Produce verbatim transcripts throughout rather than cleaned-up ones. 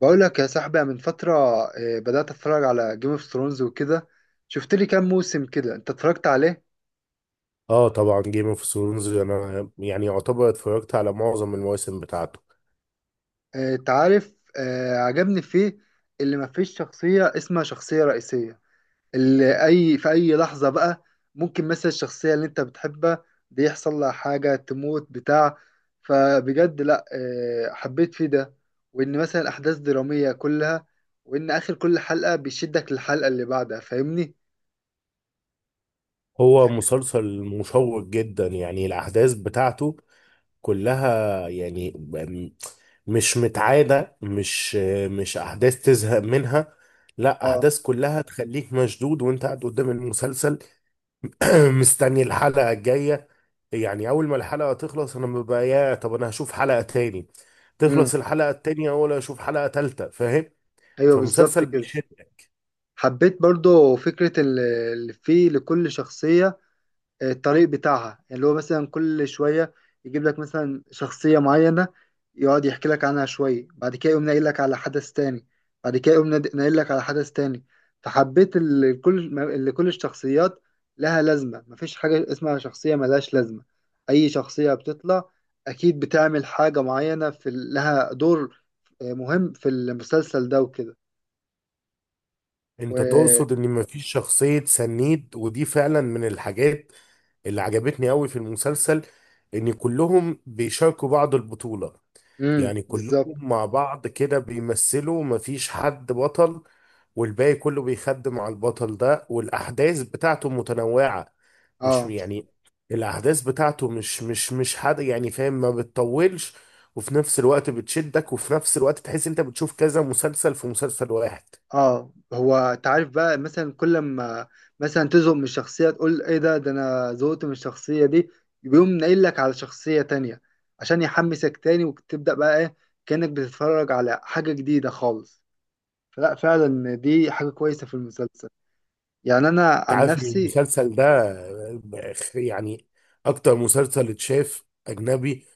بقول لك يا صاحبي، أنا من فترة آه، بدأت اتفرج على جيم اوف ثرونز وكده. شفت لي كام موسم كده انت اتفرجت عليه؟ اه طبعا جيم اوف ثرونز انا يعني يعتبر اتفرجت على معظم المواسم بتاعته. آه، انت عارف، آه، عجبني فيه اللي مفيش شخصية اسمها شخصية رئيسية، اللي اي في اي لحظة بقى ممكن مثلا الشخصية اللي انت بتحبها دي يحصل لها حاجة تموت بتاع. فبجد لا، آه، حبيت فيه ده، وان مثلا الاحداث درامية كلها، وان اخر كل حلقة بيشدك للحلقة اللي بعدها. فاهمني؟ هو مسلسل مشوق جدا، يعني الاحداث بتاعته كلها يعني م- مش متعادة، مش مش احداث تزهق منها، لا اه. احداث كلها تخليك مشدود وانت قاعد قدام المسلسل. مستني الحلقة الجاية، يعني اول ما الحلقة تخلص انا ببقى يا طب انا هشوف حلقة تاني، امم. تخلص الحلقة التانية ولا اشوف حلقة تالتة، فاهم؟ ايوه، بالظبط فمسلسل، كده. حبيت برضو فكرة ال- اللي فيه لكل شخصية آه، الطريق بتاعها، يعني اللي هو مثلا كل شوية يجيب لك مثلا شخصية معينة، يقعد يحكي لك عنها شوية، بعد كده يقوم ناقل لك على حدث تاني، بعد كده يقوم ناد- ناقل لك على حدث تاني. فحبيت اللي كل اللي كل الشخصيات لها لازمة، مفيش حاجة اسمها شخصية ملهاش لازمة. أي شخصية بتطلع أكيد بتعمل حاجة معينة، في لها دور آه، مهم في المسلسل ده وكده. و... انت تقصد ان مفيش شخصية سنيد، ودي فعلا من الحاجات اللي عجبتني قوي في المسلسل، ان كلهم بيشاركوا بعض البطولة. مم. يعني كلهم بالظبط. مع بعض كده بيمثلوا، مفيش حد بطل والباقي كله بيخدم على البطل ده، والاحداث بتاعته متنوعة، مش اه. يعني الاحداث بتاعته مش مش مش حد يعني فاهم، ما بتطولش وفي نفس الوقت بتشدك، وفي نفس الوقت تحس انت بتشوف كذا مسلسل في مسلسل واحد. اه، هو تعرف بقى مثلا كل ما مثلا تزهق من الشخصية تقول ايه، ده ده انا زهقت من الشخصية دي، يقوم ناقل لك على شخصية تانية عشان يحمسك تاني، وتبدأ بقى ايه، كأنك بتتفرج على حاجة جديدة خالص. فلا، فعلا دي حاجة كويسة في المسلسل، يعني انا انت عن عارف ان نفسي. المسلسل ده يعني اكتر مسلسل اتشاف اجنبي،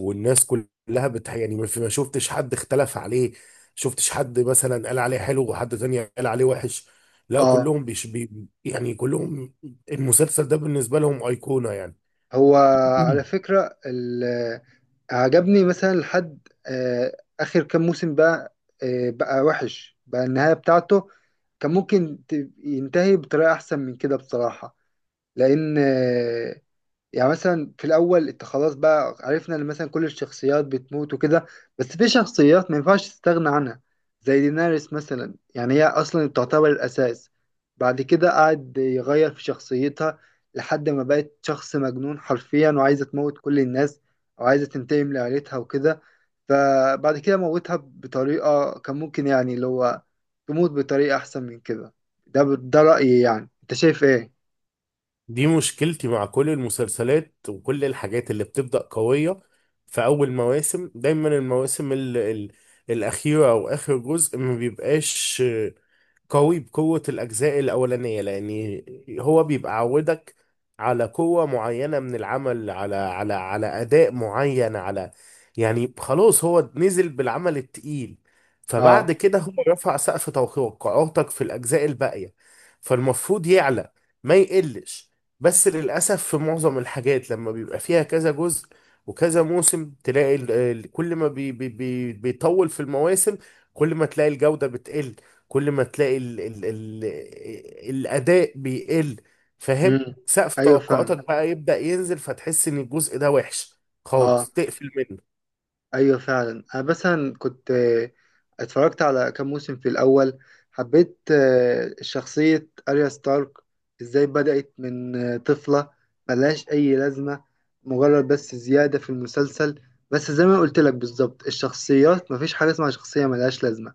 والناس كلها بتح يعني ما في- ما شفتش حد اختلف عليه، شفتش حد مثلا قال عليه حلو وحد تاني قال عليه وحش، لا اه. كلهم بيش بي يعني كلهم المسلسل ده بالنسبة لهم أيقونة يعني. هو، على فكرة، ال- عجبني مثلا لحد آه، آخر كام موسم بقى، آه، بقى وحش بقى النهاية بتاعته. كان ممكن ت- ينتهي بطريقة أحسن من كده بصراحة. لأن آه، يعني مثلا في الاول انت خلاص بقى عرفنا ان مثلا كل الشخصيات بتموت وكده، بس في شخصيات ما ينفعش تستغنى عنها، زي ديناريس مثلا، يعني هي اصلا تعتبر الاساس. بعد كده قعد يغير في شخصيتها لحد ما بقت شخص مجنون حرفيا، وعايزه تموت كل الناس، وعايزه تنتقم لعيلتها وكده. فبعد كده موتها بطريقه، كان ممكن يعني اللي هو تموت بطريقه احسن من كده. ده ده رأيي، يعني انت شايف ايه؟ دي مشكلتي مع كل المسلسلات وكل الحاجات اللي بتبدأ قوية في أول مواسم، دايما المواسم ال ال الأخيرة أو آخر جزء ما بيبقاش قوي بقوة الأجزاء الأولانية، لأن هو بيبقى عودك على قوة معينة من العمل، على على على أداء معين، على يعني خلاص هو نزل بالعمل التقيل، اه. فبعد كده هو رفع سقف توقعاتك في الأجزاء الباقية، فالمفروض يعلى ما يقلش. بس للأسف في معظم الحاجات لما بيبقى فيها كذا جزء وكذا موسم، تلاقي ال- ال- كل ما بي بي بي بيطول في المواسم كل ما تلاقي الجودة بتقل، كل ما تلاقي ال ال ال الأداء بيقل، فاهم؟ امم. سقف ايوه، فاهم. توقعاتك بقى يبدأ ينزل فتحس إن الجزء ده وحش اه، خالص، تقفل منه. ايوه فعلا. انا مثلا كنت آه، اتفرجت على كام موسم في الاول. حبيت آه، شخصية اريا ستارك، ازاي بدأت من آه، طفلة ملهاش اي لازمة، مجرد بس زيادة في المسلسل، بس زي ما قلت لك بالظبط الشخصيات مفيش حاجة اسمها شخصية ملهاش لازمة.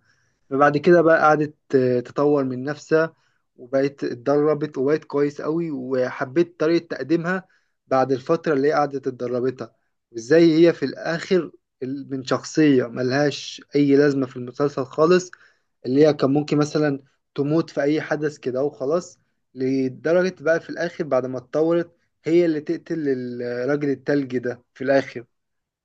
فبعد كده بقى قعدت آه، تطور من نفسها، وبقت اتدربت، وبقت كويس قوي، وحبيت طريقة تقديمها بعد الفترة اللي هي قعدت اتدربتها. وازاي هي في الآخر، ال- من شخصية ملهاش أي لازمة في المسلسل خالص، اللي هي كان ممكن مثلا تموت في أي حدث كده وخلاص، لدرجة بقى في الآخر بعد ما اتطورت هي اللي تقتل الراجل التلجي ده في الآخر.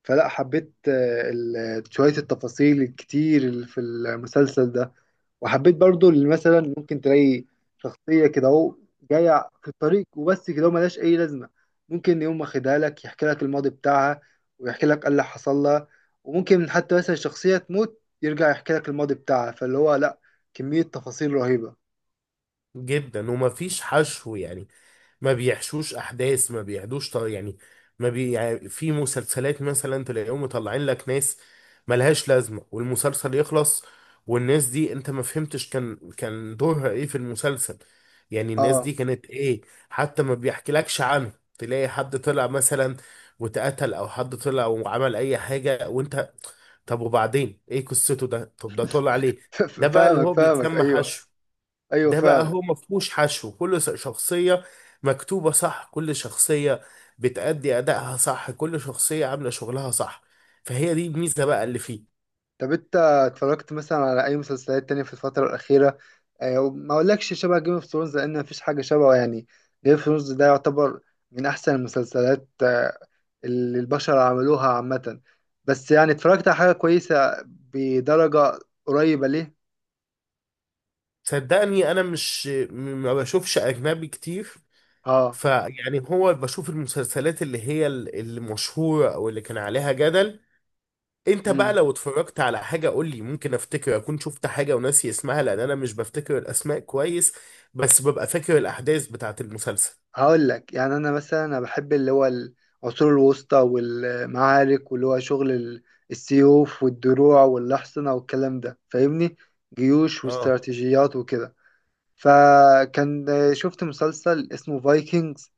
فلا، حبيت آه، ال- شوية التفاصيل الكتير اللي في المسلسل ده، وحبيت برضو اللي مثلا ممكن تلاقي شخصية كده اهو، جاية في الطريق وبس كده اهو، ملهاش أي لازمة، ممكن يقوم واخدها لك يحكي لك الماضي بتاعها، ويحكي لك ايه اللي حصل لها، وممكن حتى مثلا شخصية تموت يرجع يحكي لك الماضي بتاعها. فاللي هو لا، كمية تفاصيل رهيبة. جدا ومفيش حشو، يعني ما بيحشوش احداث، ما بيعدوش طر يعني، ما بي يعني، في مسلسلات مثلا تلاقيهم مطلعين لك ناس ملهاش لازمه، والمسلسل يخلص والناس دي انت ما فهمتش كان كان دورها ايه في المسلسل، يعني الناس اه. دي كانت ايه، حتى ما بيحكيلكش عنه. تلاقي حد طلع مثلا واتقتل، او حد طلع وعمل اي حاجه وانت طب وبعدين ايه قصته ده، طب ده طلع ليه؟ ده بقى اللي فاهمك هو فاهمك، بيتسمى ايوه. حشو. ايوه ده بقى فعلا. هو ما فيهوش حشو، كل س- شخصية مكتوبة صح، كل شخصية بتأدي أدائها صح، كل شخصية عاملة شغلها صح، فهي دي الميزة بقى اللي فيه. طب انت اتفرجت مثلا على اي مسلسلات تانية في الفترة الأخيرة؟ اه، ما اقولكش شبه جيم اوف ثرونز لان مفيش حاجة شبهه، يعني جيم اوف ثرونز ده يعتبر من احسن المسلسلات اه، اللي البشر عملوها عامة. بس يعني اتفرجت على حاجة كويسة بدرجة قريبة ليه. صدقني أنا مش م- ما بشوفش أجنبي كتير، اه. فيعني هو بشوف المسلسلات اللي هي ال- المشهورة أو اللي كان عليها جدل. أنت بقى امم. لو اتفرجت على حاجة قول لي، ممكن أفتكر أكون شفت حاجة وناسي اسمها، لأن أنا مش بفتكر الأسماء كويس، بس ببقى فاكر الأحداث بتاعت المسلسل. هقول لك يعني، انا مثلا انا بحب اللي هو العصور الوسطى والمعارك واللي هو شغل ال- السيوف والدروع والاحصنة والكلام ده، فاهمني؟ جيوش اه، واستراتيجيات وكده. فكان شفت مسلسل اسمه فايكنجز،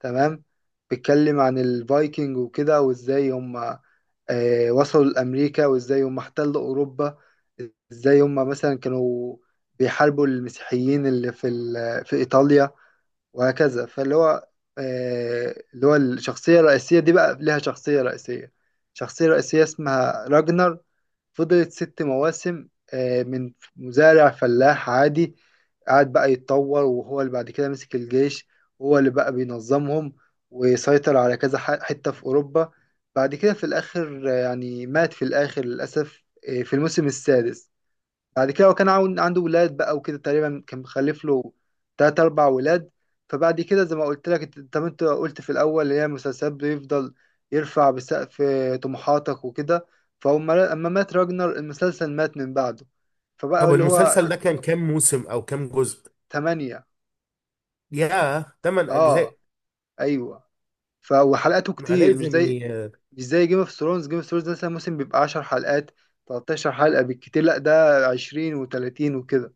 تمام، بيتكلم عن الفايكنج وكده، وازاي هم آه، وصلوا لأمريكا، وازاي هم احتلوا أوروبا، ازاي هم مثلا كانوا بيحاربوا المسيحيين اللي في ال- في إيطاليا، وهكذا. فاللي هو آه، اللي هو الشخصية الرئيسية دي بقى لها شخصية رئيسية شخصية رئيسية اسمها راجنر. فضلت ست مواسم، آه، من مزارع فلاح عادي، قعد بقى يتطور، وهو اللي بعد كده مسك الجيش، هو اللي بقى بينظمهم، ويسيطر على كذا ح- حتة في أوروبا. بعد كده في الآخر، آه، يعني مات في الآخر للأسف، آه، في الموسم السادس. بعد كده هو كان عاون- عنده ولاد بقى وكده، تقريبا كان مخلف له تلات أربع ولاد. فبعد كده زي ما قلت لك، انت- طب انت قلت في الأول اللي هي المسلسلات بيفضل يرفع بسقف طموحاتك وكده، فهم أما مات راجنر المسلسل مات من بعده. فبقى طب اللي هو المسلسل ده كان كام موسم او كام جزء؟ تمانية. ياه، تمن اه. اجزاء. أيوه. ف- وحلقاته ما كتير، مش لازم زي ي... مش زي جيم اوف ثرونز. جيم اوف ثرونز مثلا موسم بيبقى عشر حلقات، تلتاشر حلقة بالكتير، لا ده عشرين و30 وكده.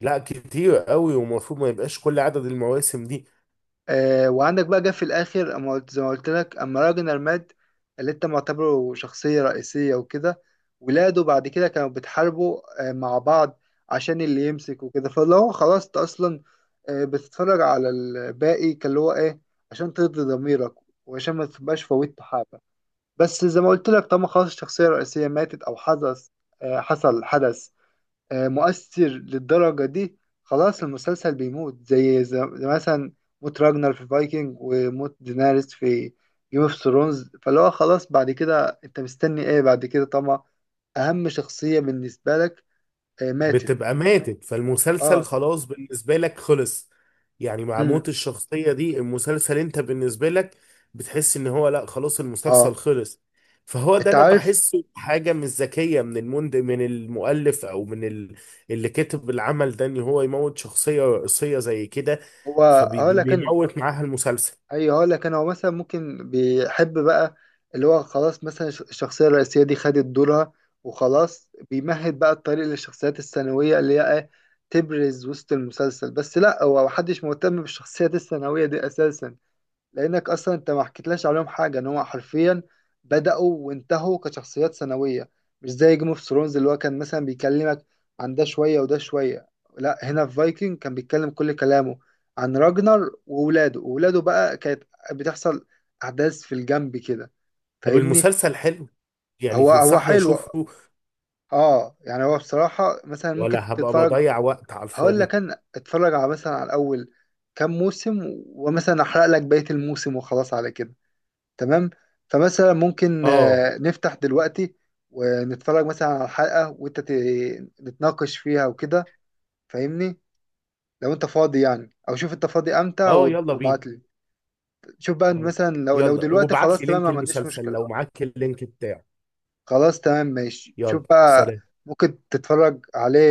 لا كتير قوي، ومفروض ما يبقاش كل عدد المواسم دي. آه، وعندك بقى جه في الاخر اما قلت، زي ما قلت لك اما راجنر مات، اللي انت معتبره شخصيه رئيسيه وكده، ولاده بعد كده كانوا بيتحاربوا، آه، مع بعض، عشان اللي يمسك وكده. فاللي هو خلاص انت اصلا، آه، بتتفرج على الباقي، كان اللي هو ايه، عشان ترضي ضميرك، وعشان ما تبقاش فوتت حاجه. بس زي ما قلت لك طالما خلاص الشخصيه الرئيسيه ماتت، او حدث، آه، حصل حدث آه، مؤثر للدرجة دي، خلاص المسلسل بيموت، زي ز- مثلا موت راجنر في فايكنج، وموت ديناريس في جيم اوف ثرونز. فاللي هو خلاص بعد كده انت مستني ايه، بعد كده طبعا اهم شخصية بالنسبة لك آه، ماتت. بتبقى ماتت، فالمسلسل اه. خلاص بالنسبة لك خلص، يعني مع امم. موت الشخصية دي المسلسل انت بالنسبة لك بتحس ان هو لا، خلاص المسلسل اه. خلص. فهو ده انت انا عارف. بحسه حاجة مش ذكية من المند من المؤلف او من ال... اللي كتب العمل ده، ان هو يموت شخصية رئيسية زي كده هو، هقول لك. فبيموت معاها المسلسل. ايوه، هقول لك. انا هو مثلا ممكن بيحب بقى اللي هو خلاص، مثلا الش- الشخصيه الرئيسيه دي خدت دورها، وخلاص بيمهد بقى الطريق للشخصيات الثانويه اللي هي إيه؟ تبرز وسط المسلسل، بس لا، هو محدش مهتم بالشخصيات الثانويه دي اساسا، لانك اصلا انت ما حكيتلاش عليهم حاجه، ان هو حرفيا بداوا وانتهوا كشخصيات ثانويه، مش زي جيم اوف ثرونز اللي هو كان مثلا بيكلمك عن ده شويه وده شويه. لا، هنا في فايكنج كان بيتكلم كل كلامه عن راجنر وولاده وولاده بقى كانت بتحصل احداث في الجنب كده. طب فاهمني؟ المسلسل حلو؟ يعني هو هو تنصحني حلو. اشوفه اه، يعني هو بصراحه مثلا ممكن ولا هبقى تتفرج. بضيع وقت على هقول الفاضي؟ لك، انا اتفرج على مثلا على اول كام موسم، ومثلا احرق لك بقيه الموسم وخلاص على كده، تمام. فمثلا ممكن اه، آه، نفتح دلوقتي ونتفرج مثلا على حلقة، وانت ت- نتناقش فيها وكده، فاهمني؟ لو انت فاضي يعني، او شوف انت فاضي امتى اه، واب- يلا بينا. وابعت لي. شوف بقى آه. مثلا، لو لو يلا دلوقتي وابعت خلاص، لي تمام، ما لينك عنديش المسلسل لو مشكلة. معاك اللينك بتاعه. خلاص تمام ماشي. شوف يلا بقى، سلام. ممكن تتفرج عليه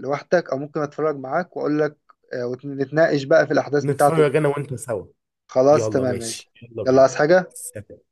لوحدك، او ممكن اتفرج معاك واقول لك، آه، ونتناقش بقى في الاحداث بتاعته نتفرج وكده. انا وانت سوا. خلاص يلا تمام ماشي، ماشي. يلا يلا، بينا. عايز حاجة؟ سلام.